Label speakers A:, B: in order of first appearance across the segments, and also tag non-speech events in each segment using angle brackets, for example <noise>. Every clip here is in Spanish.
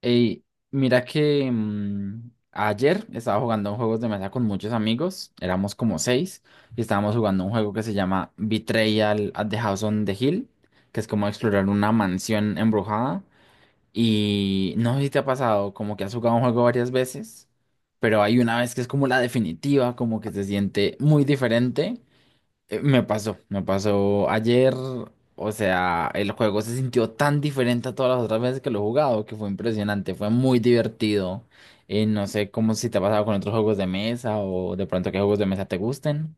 A: Ey, mira que ayer estaba jugando juegos de mesa con muchos amigos, éramos como 6, y estábamos jugando un juego que se llama Betrayal at the House on the Hill, que es como explorar una mansión embrujada. Y no sé si te ha pasado, como que has jugado un juego varias veces, pero hay una vez que es como la definitiva, como que se siente muy diferente. Me pasó, me pasó ayer, o sea, el juego se sintió tan diferente a todas las otras veces que lo he jugado, que fue impresionante, fue muy divertido. Y no sé cómo si te ha pasado con otros juegos de mesa o de pronto qué juegos de mesa te gusten.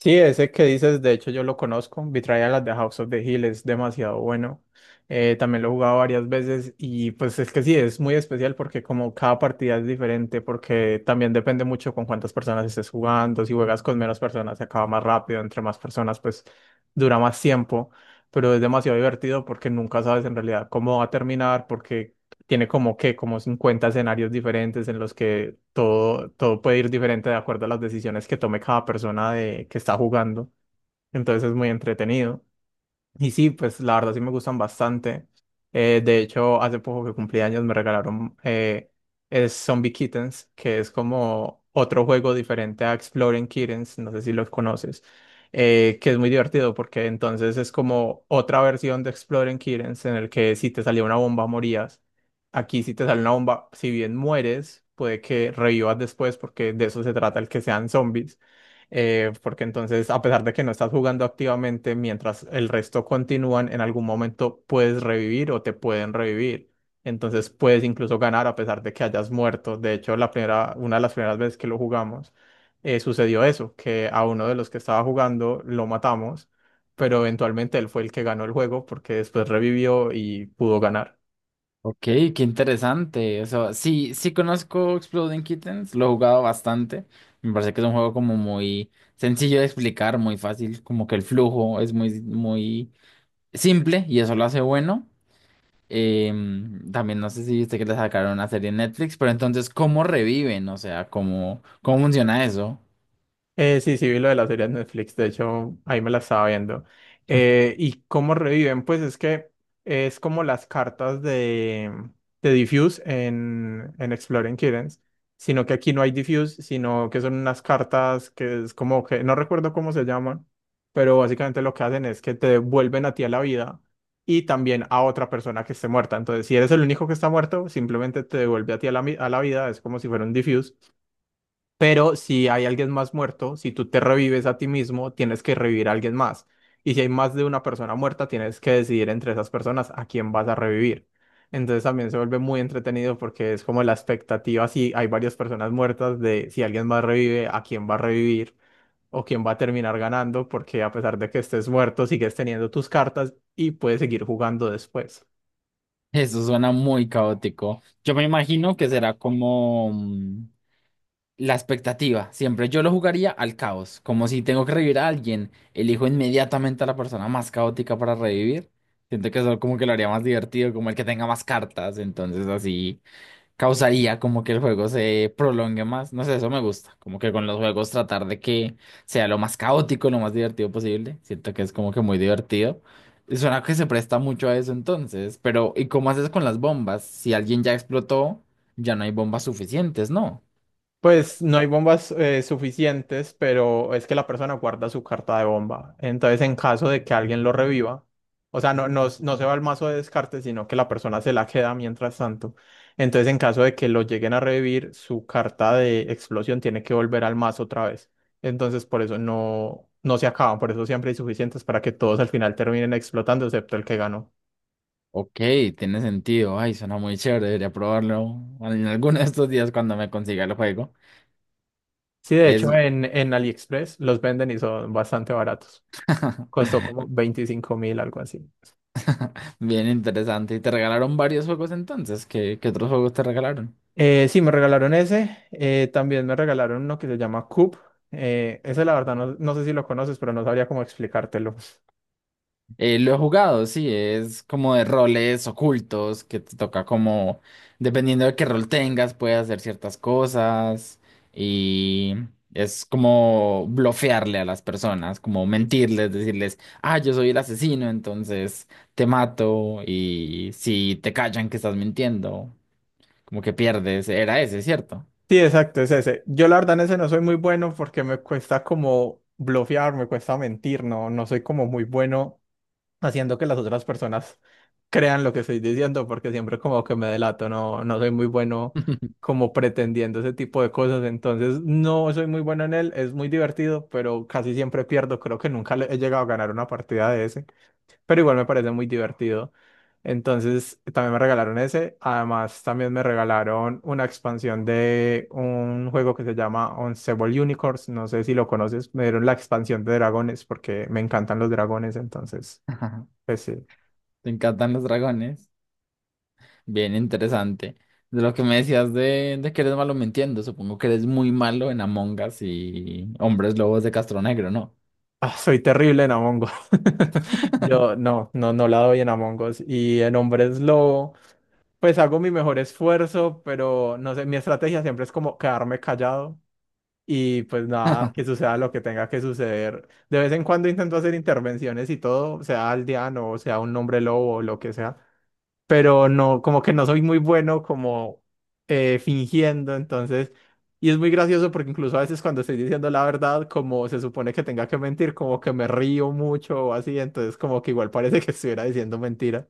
B: Sí, ese que dices, de hecho yo lo conozco, las de House of the Hill es demasiado bueno. También lo he jugado varias veces y pues es que sí, es muy especial porque como cada partida es diferente, porque también depende mucho con cuántas personas estés jugando. Si juegas con menos personas se acaba más rápido, entre más personas pues dura más tiempo, pero es demasiado divertido porque nunca sabes en realidad cómo va a terminar, porque tiene como que como 50 escenarios diferentes en los que todo, todo puede ir diferente de acuerdo a las decisiones que tome cada persona que está jugando. Entonces es muy entretenido. Y sí, pues la verdad sí me gustan bastante. De hecho, hace poco que cumplí años me regalaron, es Zombie Kittens, que es como otro juego diferente a Exploring Kittens, no sé si los conoces, que es muy divertido porque entonces es como otra versión de Exploring Kittens en el que si te salía una bomba morías. Aquí si te sale una bomba, si bien mueres, puede que revivas después porque de eso se trata el que sean zombies, porque entonces, a pesar de que no estás jugando activamente, mientras el resto continúan, en algún momento puedes revivir o te pueden revivir. Entonces puedes incluso ganar a pesar de que hayas muerto. De hecho, la primera, una de las primeras veces que lo jugamos, sucedió eso, que a uno de los que estaba jugando lo matamos, pero eventualmente él fue el que ganó el juego porque después revivió y pudo ganar.
A: Ok, qué interesante. O sea, sí, sí conozco Exploding Kittens, lo he jugado bastante. Me parece que es un juego como muy sencillo de explicar, muy fácil, como que el flujo es muy simple y eso lo hace bueno. También no sé si viste que le sacaron una serie en Netflix, pero entonces, ¿cómo reviven? O sea, ¿cómo, cómo funciona eso?
B: Sí, sí, vi lo de la serie de Netflix, de hecho, ahí me la estaba viendo. ¿Y cómo reviven? Pues es que es como las cartas de Diffuse en Exploring Kittens, sino que aquí no hay Diffuse, sino que son unas cartas que es como que, no recuerdo cómo se llaman, pero básicamente lo que hacen es que te vuelven a ti a la vida y también a otra persona que esté muerta. Entonces, si eres el único que está muerto, simplemente te devuelve a ti a la, a la vida, es como si fuera un Diffuse. Pero si hay alguien más muerto, si tú te revives a ti mismo, tienes que revivir a alguien más. Y si hay más de una persona muerta, tienes que decidir entre esas personas a quién vas a revivir. Entonces también se vuelve muy entretenido porque es como la expectativa, si hay varias personas muertas, de si alguien más revive, a quién va a revivir o quién va a terminar ganando, porque a pesar de que estés muerto, sigues teniendo tus cartas y puedes seguir jugando después.
A: Eso suena muy caótico. Yo me imagino que será como la expectativa. Siempre yo lo jugaría al caos, como si tengo que revivir a alguien, elijo inmediatamente a la persona más caótica para revivir. Siento que eso como que lo haría más divertido, como el que tenga más cartas, entonces así causaría como que el juego se prolongue más. No sé, eso me gusta. Como que con los juegos tratar de que sea lo más caótico, lo más divertido posible. Siento que es como que muy divertido. Y suena que se presta mucho a eso entonces. Pero, ¿y cómo haces con las bombas? Si alguien ya explotó, ya no hay bombas suficientes, ¿no?
B: Pues no hay bombas suficientes, pero es que la persona guarda su carta de bomba. Entonces, en caso de que alguien lo reviva, o sea, no se va al mazo de descarte, sino que la persona se la queda mientras tanto. Entonces, en caso de que lo lleguen a revivir, su carta de explosión tiene que volver al mazo otra vez. Entonces, por eso no se acaban, por eso siempre hay suficientes para que todos al final terminen explotando, excepto el que ganó.
A: Ok, tiene sentido. Ay, suena muy chévere. Debería probarlo en alguno de estos días cuando me consiga el juego.
B: Sí, de hecho,
A: Es
B: en AliExpress los venden y son bastante baratos.
A: <laughs>
B: Costó como 25.000, algo así.
A: bien interesante. ¿Y te regalaron varios juegos entonces? ¿Qué otros juegos te regalaron?
B: Sí, me regalaron ese. También me regalaron uno que se llama Coop. Ese, la verdad, no sé si lo conoces, pero no sabría cómo explicártelo.
A: Lo he jugado, sí, es como de roles ocultos que te toca como, dependiendo de qué rol tengas, puedes hacer ciertas cosas y es como blofearle a las personas, como mentirles, decirles, ah, yo soy el asesino, entonces te mato y si te callan que estás mintiendo, como que pierdes, era ese, ¿cierto?
B: Sí, exacto, es ese. Yo, la verdad, en ese no soy muy bueno porque me cuesta como blofear, me cuesta mentir, no soy como muy bueno haciendo que las otras personas crean lo que estoy diciendo porque siempre como que me delato, no soy muy bueno
A: <laughs>
B: como pretendiendo ese tipo de cosas, entonces no soy muy bueno en él, es muy divertido, pero casi siempre pierdo, creo que nunca he llegado a ganar una partida de ese, pero igual me parece muy divertido. Entonces, también me regalaron ese. Además, también me regalaron una expansión de un juego que se llama Unstable Unicorns. No sé si lo conoces. Me dieron la expansión de dragones porque me encantan los dragones. Entonces, pues sí.
A: Te encantan los dragones. Bien interesante. De lo que me decías de que eres malo mintiendo, supongo que eres muy malo en Among Us y Hombres Lobos de Castro Negro, ¿no?
B: Ah, soy terrible en Among Us. <laughs> Yo no la doy en Among Us. Y en Hombres Lobo, pues hago mi mejor esfuerzo, pero no sé, mi estrategia siempre es como quedarme callado. Y pues nada, que
A: <laughs>
B: suceda lo que tenga que suceder. De vez en cuando intento hacer intervenciones y todo, sea aldeano o sea un hombre lobo o lo que sea, pero no, como que no soy muy bueno como fingiendo. Entonces, y es muy gracioso porque incluso a veces cuando estoy diciendo la verdad, como se supone que tenga que mentir, como que me río mucho o así, entonces como que igual parece que estuviera diciendo mentira.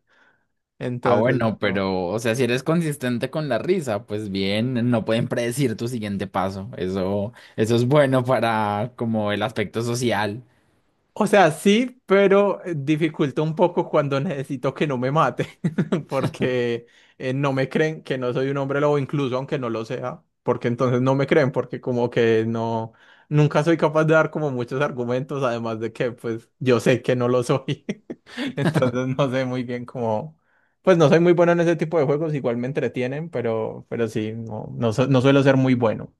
A: Ah,
B: Entonces,
A: bueno,
B: no.
A: pero, o sea, si eres consistente con la risa, pues bien, no pueden predecir tu siguiente paso. Eso es bueno para como el aspecto social.
B: O sea, sí, pero dificulta un poco cuando necesito que no me mate, <laughs> porque no me creen que no soy un hombre lobo, incluso aunque no lo sea, porque entonces no me creen, porque como que no, nunca soy capaz de dar como muchos argumentos, además de que pues yo sé que no lo soy, <laughs> entonces no sé muy bien cómo, pues no soy muy bueno en ese tipo de juegos, igual me entretienen, pero, pero sí, no suelo ser muy bueno,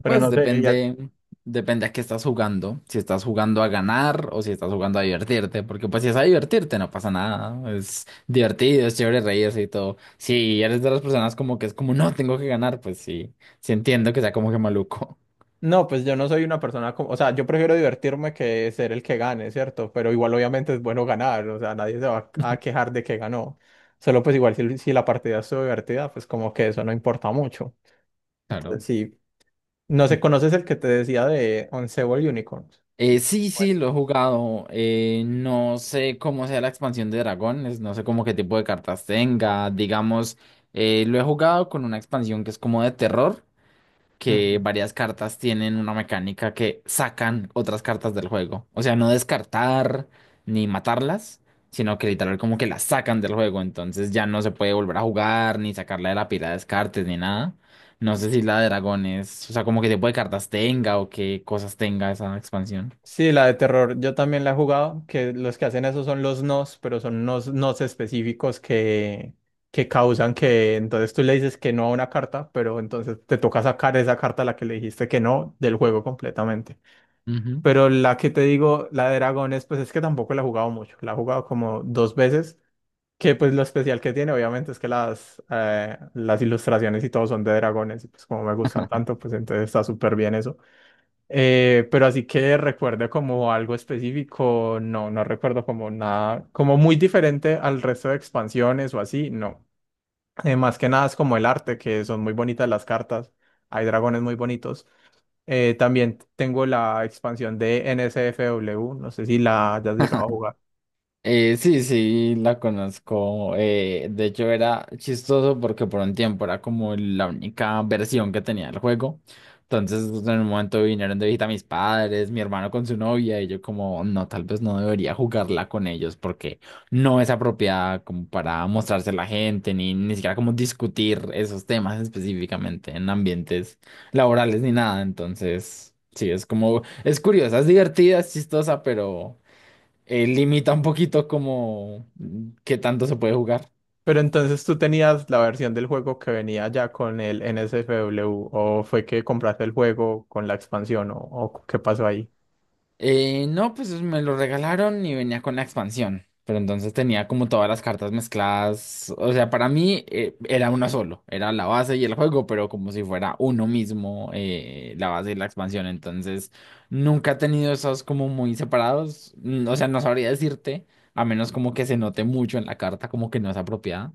B: pero
A: Pues
B: no sé.
A: depende, depende a qué estás jugando. Si estás jugando a ganar o si estás jugando a divertirte, porque pues si es a divertirte no pasa nada. Es divertido, es chévere reírse y todo. Si eres de las personas como que es como, no, tengo que ganar, pues sí, sí entiendo que sea como que maluco.
B: No, pues yo no soy una persona como, o sea, yo prefiero divertirme que ser el que gane, ¿cierto? Pero igual obviamente es bueno ganar, o sea, nadie se va a
A: <laughs>
B: quejar de que ganó. Solo pues igual si, si la partida estuvo divertida, pues como que eso no importa mucho. Entonces
A: Claro.
B: sí, no sé, ¿conoces el que te decía de Once Unicorns?
A: Sí, sí, lo he jugado. No sé cómo sea la expansión de dragones, no sé cómo qué tipo de cartas tenga. Digamos, lo he jugado con una expansión que es como de terror, que
B: Bueno.
A: varias cartas tienen una mecánica que sacan otras cartas del juego. O sea, no descartar ni matarlas, sino que literal como que las sacan del juego. Entonces ya no se puede volver a jugar, ni sacarla de la pila de descartes, ni nada. No sé si la de dragones, o sea, como que tipo de cartas tenga o qué cosas tenga esa expansión.
B: Sí, la de terror, yo también la he jugado, que los que hacen eso son los nos, pero son nos específicos que causan que entonces tú le dices que no a una carta, pero entonces te toca sacar esa carta a la que le dijiste que no del juego completamente. Pero la que te digo, la de dragones, pues es que tampoco la he jugado mucho, la he jugado como dos veces, que pues lo especial que tiene obviamente es que las ilustraciones y todo son de dragones, y pues como me gustan tanto, pues entonces está súper bien eso. Pero así que recuerde como algo específico, no, no recuerdo como nada, como muy diferente al resto de expansiones o así, no. Más que nada es como el arte, que son muy bonitas las cartas, hay dragones muy bonitos. También tengo la expansión de NSFW, no sé si la hayas llegado a jugar.
A: Sí, sí, la conozco. De hecho, era chistoso porque por un tiempo era como la única versión que tenía el juego. Entonces, en un momento vinieron de visita mis padres, mi hermano con su novia, y yo como, no, tal vez no debería jugarla con ellos porque no es apropiada como para mostrarse a la gente, ni, ni siquiera como discutir esos temas específicamente en ambientes laborales ni nada. Entonces, sí, es como, es curiosa, es divertida, es chistosa, pero limita un poquito como qué tanto se puede jugar.
B: Pero entonces tú tenías la versión del juego que venía ya con el NSFW, o fue que compraste el juego con la expansión, o qué pasó ahí.
A: No, pues me lo regalaron y venía con la expansión, pero entonces tenía como todas las cartas mezcladas. O sea, para mí era uno solo, era la base y el juego, pero como si fuera uno mismo, la base y la expansión. Entonces nunca he tenido esos como muy separados. O sea, no sabría decirte, a menos como que se note mucho en la carta como que no es apropiada,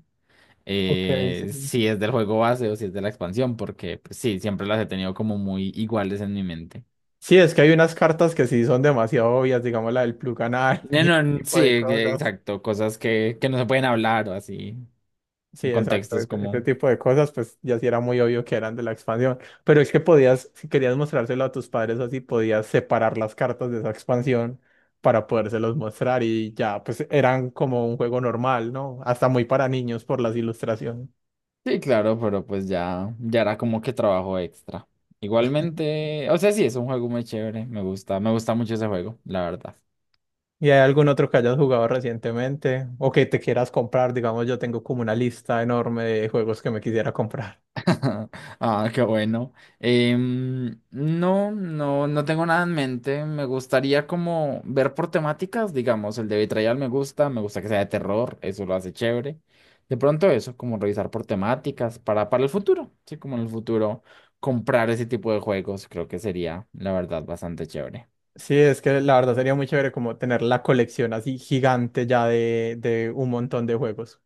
B: Ok, sí.
A: si es del juego base o si es de la expansión, porque pues, sí, siempre las he tenido como muy iguales en mi mente.
B: Sí, es que hay unas cartas que sí son demasiado obvias, digamos la del plug anal <laughs>
A: No,
B: y
A: no,
B: ese
A: n-
B: tipo
A: sí,
B: de
A: e-
B: cosas.
A: exacto, cosas que no se pueden hablar o así,
B: Sí,
A: en
B: exacto,
A: contextos
B: ese
A: como...
B: tipo de cosas, pues ya sí era muy obvio que eran de la expansión. Pero es que podías, si querías mostrárselo a tus padres así, podías separar las cartas de esa expansión para podérselos mostrar y ya, pues eran como un juego normal, ¿no? Hasta muy para niños por las ilustraciones.
A: Sí, claro, pero pues ya, ya era como que trabajo extra. Igualmente, o sea, sí, es un juego muy chévere, me gusta mucho ese juego, la verdad.
B: ¿Y hay algún otro que hayas jugado recientemente o que te quieras comprar? Digamos, yo tengo como una lista enorme de juegos que me quisiera comprar.
A: <laughs> Ah, qué bueno. No, no, no tengo nada en mente. Me gustaría como ver por temáticas, digamos, el de Betrayal me gusta que sea de terror, eso lo hace chévere. De pronto eso, como revisar por temáticas para el futuro, sí, como en el futuro comprar ese tipo de juegos, creo que sería, la verdad, bastante chévere.
B: Sí, es que la verdad sería muy chévere como tener la colección así gigante ya de un montón de juegos.